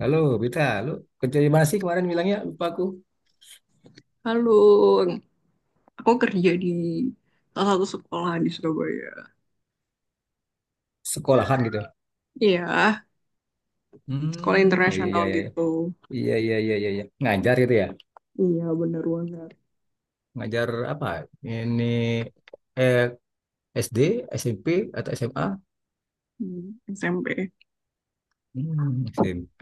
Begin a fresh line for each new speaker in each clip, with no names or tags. Halo, Bita, lu kerja di mana sih kemarin bilangnya? Lupa aku.
Halo, aku kerja di salah satu sekolah di Surabaya.
Sekolahan gitu.
Iya, sekolah
Hmm, iya,
internasional
iya, iya.
gitu.
Iya, iya, iya, iya, iya. Ngajar gitu ya?
Iya, bener banget.
Ngajar apa? Ini eh, SD, SMP, atau SMA?
Hmm, SMP.
Hmm, SMP.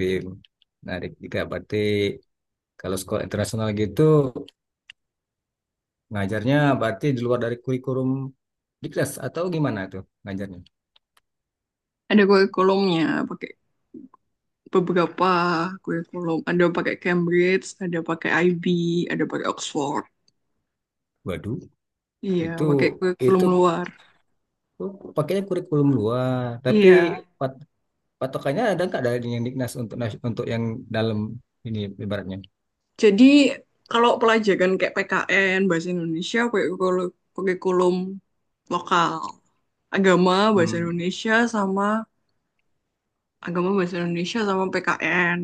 Menarik juga. Berarti kalau sekolah internasional gitu, ngajarnya berarti di luar dari kurikulum di kelas atau gimana tuh ngajarnya?
Ada kurikulumnya, pakai beberapa kurikulum. Ada pakai Cambridge, ada pakai IB, ada pakai Oxford.
Waduh,
Iya,
itu
pakai kurikulum
itu
luar.
tuh pakainya kurikulum luar, tapi
Iya.
patokannya ada nggak dari yang Dignas untuk untuk yang dalam ini ibaratnya?
Jadi kalau pelajaran kayak PKN, bahasa Indonesia, pakai kurikulum kurikulum lokal. Agama, bahasa
Hmm,
Indonesia, sama agama bahasa Indonesia sama PKN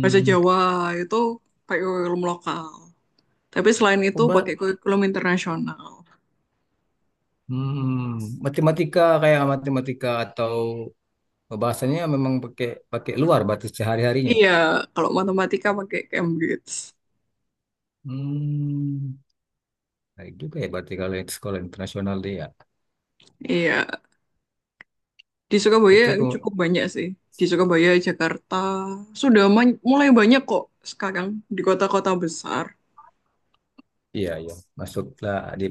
bahasa Jawa itu pakai kurikulum lokal, tapi selain itu
coba,
pakai kurikulum internasional.
matematika kayak matematika atau bahasanya memang pakai pakai luar batas sehari-harinya.
Iya, kalau matematika pakai Cambridge.
Hmm, baik juga ya berarti kalau yang sekolah internasional dia ya.
Iya, di Surabaya
Itu kok
cukup banyak sih. Di Surabaya, Jakarta sudah mulai banyak kok sekarang di kota-kota besar.
iya iya, masuklah di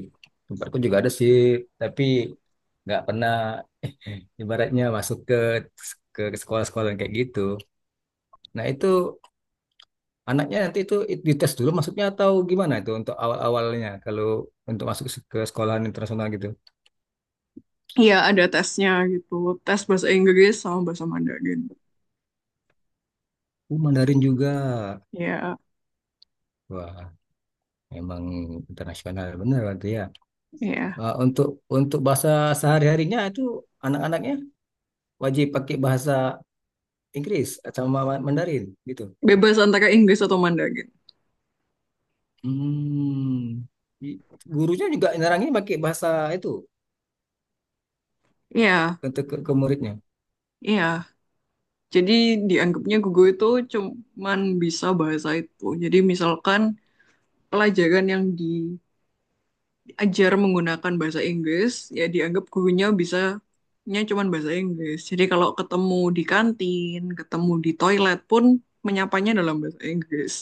tempatku juga ada sih, tapi nggak pernah ibaratnya masuk ke sekolah-sekolah yang kayak gitu. Nah, itu anaknya nanti itu dites dulu masuknya atau gimana itu untuk awal-awalnya kalau untuk masuk ke sekolahan internasional gitu.
Iya, ada tesnya gitu, tes bahasa Inggris sama bahasa Mandarin.
Mandarin juga.
Iya,
Wah, emang internasional bener berarti ya.
iya.
Uh, untuk untuk bahasa sehari-harinya itu anak-anaknya wajib pakai bahasa Inggris sama Mandarin gitu.
Bebas antara Inggris atau Mandarin.
Hmm. I- Gurunya juga nerangin pakai bahasa itu
Iya,
untuk ke muridnya.
iya. Jadi dianggapnya Gugu itu cuman bisa bahasa itu. Jadi misalkan pelajaran yang diajar menggunakan bahasa Inggris, ya dianggap gurunya bisanya cuman bahasa Inggris. Jadi kalau ketemu di kantin, ketemu di toilet pun menyapanya dalam bahasa Inggris.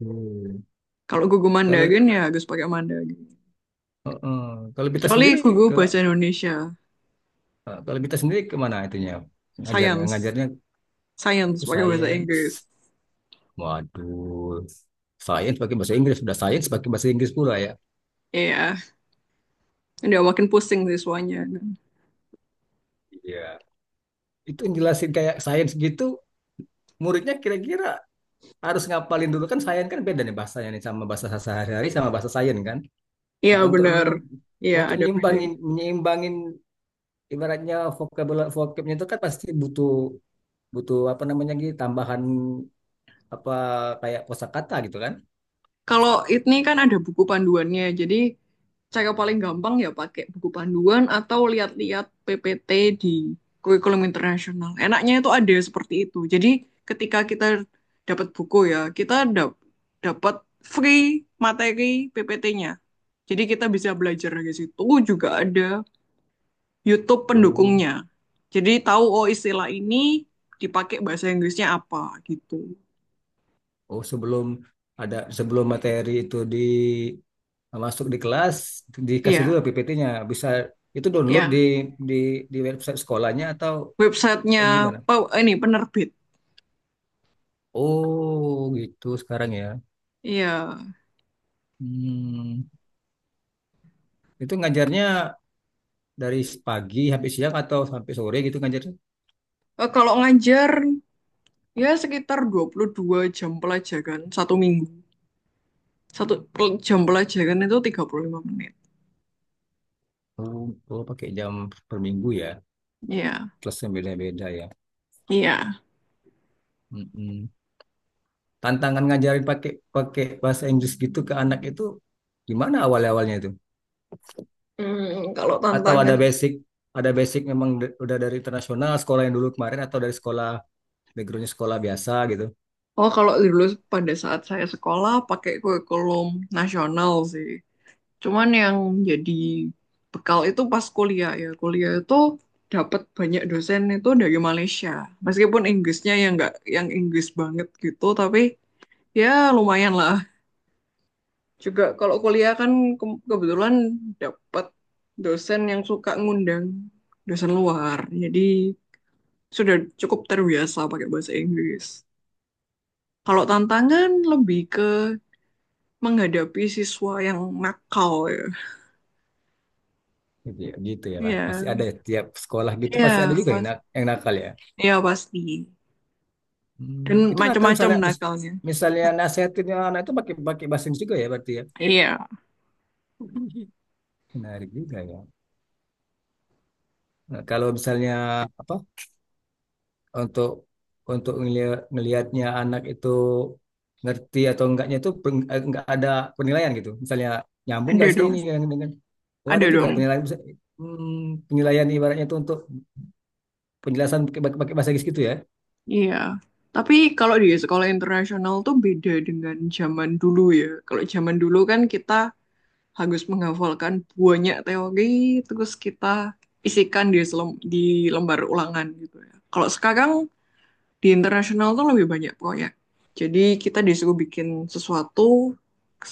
Hmm.
Kalau Gugu
Kalau
Mandarin ya harus pakai Mandarin.
uh-uh. Kalau kita
Kecuali Gugu
sendiri
bahasa Indonesia,
Nah, kalau kita sendiri kemana itunya? Ngajarnya,
science,
ngajarnya
science
ke
pakai bahasa Inggris.
sains. Waduh, sains pakai bahasa Inggris. Sudah sains pakai bahasa Inggris pula ya.
Iya, udah makin pusing siswanya.
Iya. Itu yang jelasin kayak sains gitu, muridnya kira-kira harus ngapalin dulu kan sains kan beda nih bahasanya nih sama bahasa sehari-hari sama bahasa sains kan.
Iya,
Nah, untuk
benar.
nyim
Iya,
untuk
ada beda.
nyimbangin menyeimbangin ibaratnya vocabnya itu kan pasti butuh butuh apa namanya gitu tambahan apa kayak kosakata gitu kan.
Kalau ini kan ada buku panduannya, jadi cara paling gampang ya pakai buku panduan atau lihat-lihat PPT di kurikulum internasional. Enaknya itu ada seperti itu. Jadi ketika kita dapat buku ya, kita dapat free materi PPT-nya. Jadi kita bisa belajar dari situ, juga ada YouTube
Oh.
pendukungnya. Jadi tahu, oh, istilah ini dipakai bahasa Inggrisnya apa gitu.
Oh, sebelum materi itu di masuk di kelas dikasih
Iya,
dulu PPT-nya. Bisa itu download
ya.
di di website sekolahnya atau
Websitenya
gimana?
ini penerbit.
Oh, gitu sekarang ya.
Iya.
Hmm, itu ngajarnya dari pagi sampai siang atau sampai sore gitu ngajarnya?
Eh, kalau ngajar ya sekitar 22 jam pelajaran satu minggu. Satu jam pelajaran itu 35 menit.
Oh, oh pakai jam per minggu ya.
Iya.
Kelasnya beda-beda ya.
Iya.
Mm-mm. Tantangan ngajarin pakai pakai bahasa Inggris gitu ke anak itu gimana awal-awalnya itu?
Kalau
Atau
tantangan.
ada basic memang udah dari internasional sekolah yang dulu kemarin atau dari sekolah backgroundnya sekolah biasa gitu.
Oh, kalau dulu pada saat saya sekolah pakai kurikulum nasional sih. Cuman yang jadi bekal itu pas kuliah ya. Kuliah itu dapat banyak dosen itu dari Malaysia. Meskipun Inggrisnya yang nggak yang Inggris banget gitu, tapi ya lumayan lah juga kalau kuliah kan kebetulan dapat dosen yang suka ngundang dosen luar. Jadi sudah cukup terbiasa pakai bahasa Inggris. Kalau tantangan lebih ke menghadapi siswa yang nakal ya.
Gitu ya, gitu ya Pak.
Iya,
Pasti ada ya, tiap sekolah gitu pasti ada
iya,
juga yang,
pas,
yang nakal ya.
iya, pasti. Dan
Itu nakal
macam-macam
misalnya mis-
nakalnya.
misalnya nasihatinnya anak itu pakai pakai bahasa Inggris juga ya berarti ya.
Iya,
Menarik juga ya. Nah, kalau misalnya apa untuk untuk ngelihatnya anak itu ngerti atau enggaknya itu enggak ada penilaian gitu. Misalnya nyambung enggak
ada
sih
dong,
ini dengan. Oh, ada
ada
juga
dong.
penilaian, penilaian ibaratnya itu untuk penjelasan pakai bahasa Inggris gitu ya.
Iya. Tapi kalau di sekolah internasional tuh beda dengan zaman dulu ya. Kalau zaman dulu kan kita harus menghafalkan banyak teori terus kita isikan di di lembar ulangan gitu ya. Kalau sekarang di internasional tuh lebih banyak proyek. Jadi kita disuruh bikin sesuatu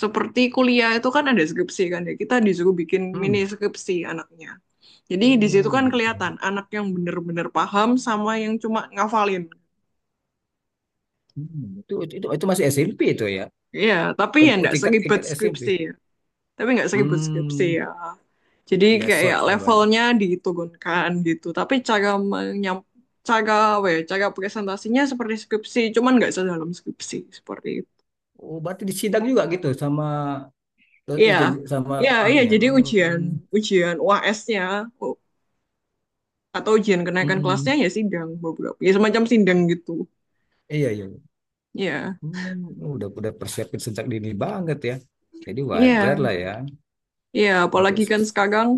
seperti kuliah itu kan ada skripsi kan ya. Kita disuruh bikin mini
Hmm.
skripsi anaknya. Jadi di situ
Oh
kan
gitu.
kelihatan anak yang benar-benar paham sama yang cuma ngafalin.
Hmm. Itu masih SMP itu ya.
Iya, tapi ya
Untuk
enggak
tingkat
seribet
tingkat SMP.
skripsi, tapi nggak seribut skripsi ya.
Hmm.
Jadi
Ya
kayak
short ya Bang.
levelnya diturunkan gitu. Tapi cara apa ya, cara presentasinya seperti skripsi, cuman nggak sedalam skripsi seperti itu.
Oh, berarti disidang juga gitu sama
Iya,
itu sama
iya, iya.
ibunya.
Jadi ujian,
Hmm.
ujian UAS-nya u- atau ujian kenaikan kelasnya
Mm-mm.
ya sidang beberapa, ya semacam sidang gitu.
Iya iya.
Iya,
Udah persiapin sejak dini banget ya. Jadi wajar
iya,
lah ya
iya. Apalagi
untuk
kan sekarang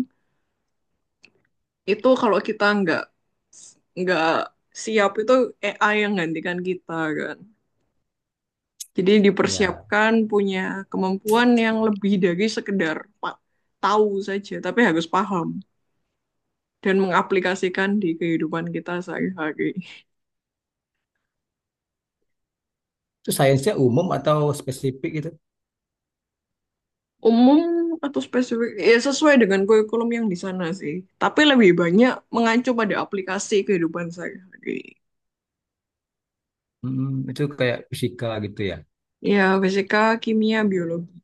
itu kalau kita nggak siap itu AI yang gantikan kita kan. Jadi
ya
dipersiapkan punya kemampuan yang lebih dari sekedar tahu saja, tapi harus paham dan mengaplikasikan di kehidupan kita sehari-hari.
itu sainsnya umum atau spesifik gitu.
Umum atau spesifik, ya sesuai dengan kurikulum yang di sana sih. Tapi lebih banyak mengacu pada aplikasi kehidupan sehari-hari.
Mm-mm, itu kayak fisika gitu ya.
Ya, fisika, kimia, biologi.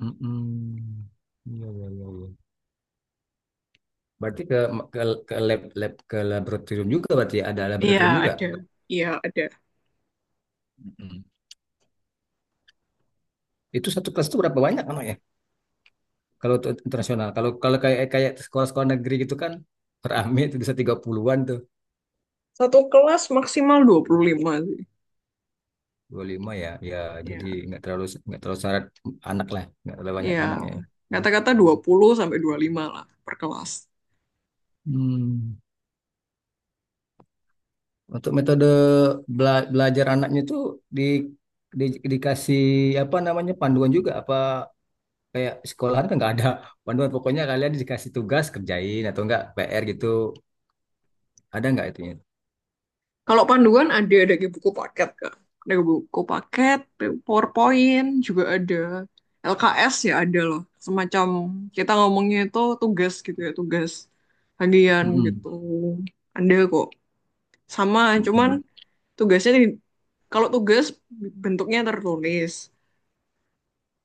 Mm-mm. Iya, iya, iya, iya. Berarti ke ke laboratorium juga berarti ya? Ada laboratorium
Ya,
juga.
ada. Ya, ada.
Mm-mm. Itu satu kelas itu berapa banyak anaknya? Kalau untuk internasional, kalau kalau kayak kayak sekolah-sekolah negeri gitu kan rame itu bisa 30-an tuh.
Satu kelas maksimal 25 sih.
Dua puluh lima ya, ya jadi
Ya,
nggak terlalu syarat anak lah, nggak terlalu banyak
ya.
anaknya, ya.
Kata-kata 20 sampai 25 lah per kelas.
Hmm. Untuk metode belajar anaknya itu di, dikasih apa namanya panduan juga apa kayak sekolahan kan nggak ada panduan pokoknya kalian dikasih tugas kerjain atau enggak PR gitu ada nggak itunya?
Kalau panduan ada dari buku paket Kak. Dari buku paket, PowerPoint juga ada. LKS ya ada loh. Semacam kita ngomongnya itu tugas gitu ya, tugas harian gitu.
Mm-mm.
Ada kok. Sama, cuman
Mm-mm.
tugasnya di- kalau tugas bentuknya tertulis.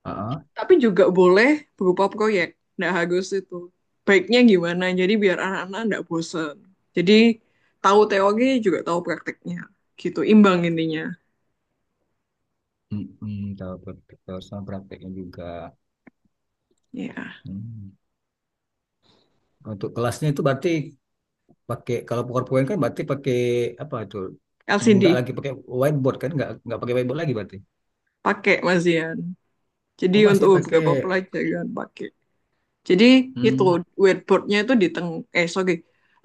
Heeh.
Tapi juga boleh berupa proyek. Nggak harus itu. Baiknya gimana? Jadi biar anak-anak nggak bosen. Jadi tahu teori juga tahu prakteknya. Gitu, imbang intinya.
Mm-mm, tahu sama prakteknya juga.
Ya.
Hmm. Untuk kelasnya itu berarti pakai kalau PowerPoint kan berarti pakai apa itu nggak
LCD
lagi pakai whiteboard kan nggak pakai whiteboard lagi berarti.
pakai Mazian. Jadi
Oh, masih
untuk
pakai.
beberapa pelajaran pakai. Jadi itu
hmm,
whiteboardnya itu di teng eh, sorry,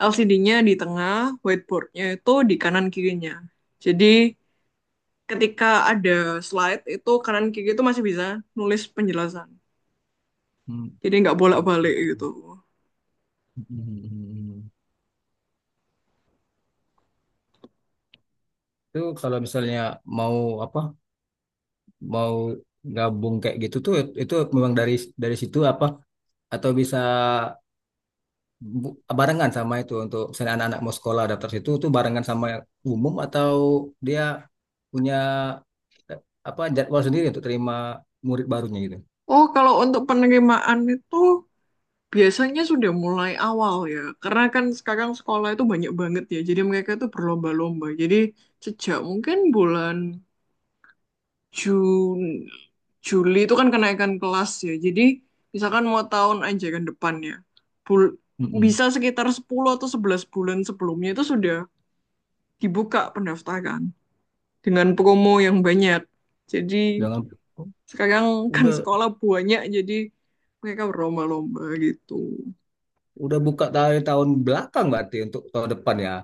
LCD-nya di tengah, whiteboardnya itu di kanan kirinya. Jadi ketika ada slide itu kanan kiri itu masih bisa nulis penjelasan.
hmm,
Jadi nggak bolak-balik gitu.
itu kalau misalnya mau apa mau gabung kayak gitu tuh itu memang dari situ apa atau bisa barengan sama itu untuk misalnya anak-anak mau sekolah daftar situ tuh barengan sama yang umum atau dia punya eh, apa jadwal sendiri untuk terima murid barunya
Oh, kalau untuk penerimaan itu biasanya sudah mulai awal ya. Karena kan sekarang sekolah itu banyak banget ya. Jadi mereka itu berlomba-lomba. Jadi sejak mungkin bulan Jun- Juli itu kan kenaikan kelas ya. Jadi misalkan mau tahun aja kan depannya. Bul-
gitu.
bisa sekitar 10 atau 11 bulan sebelumnya itu sudah dibuka pendaftaran dengan promo yang banyak. Jadi
Jangan
sekarang kan
udah
sekolah banyak, jadi mereka berlomba-lomba gitu.
udah buka dari tahun belakang berarti untuk tahun depan ya.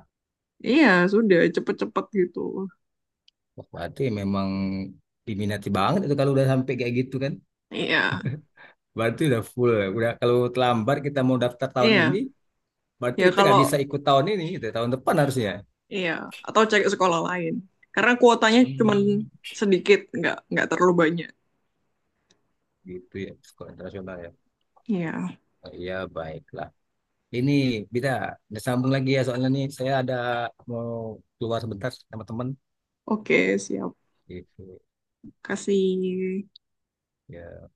Iya, sudah cepet-cepet gitu.
Wah, berarti memang diminati banget itu kalau udah sampai kayak gitu kan.
Iya,
Berarti udah full, ya. Udah kalau terlambat kita mau daftar tahun ini,
iya.
berarti
Ya,
kita
kalau
nggak bisa ikut tahun ini, gitu. Tahun depan harusnya.
iya atau cari sekolah lain. Karena kuotanya cuman
Hmm.
sedikit, nggak terlalu banyak.
Gitu ya, sekolah internasional ya.
Iya,
Oh, iya, baiklah. Ini bisa udah sambung lagi ya soalnya nih saya ada mau keluar sebentar sama teman
oke, siap.
gitu.
Kasih.
Ya.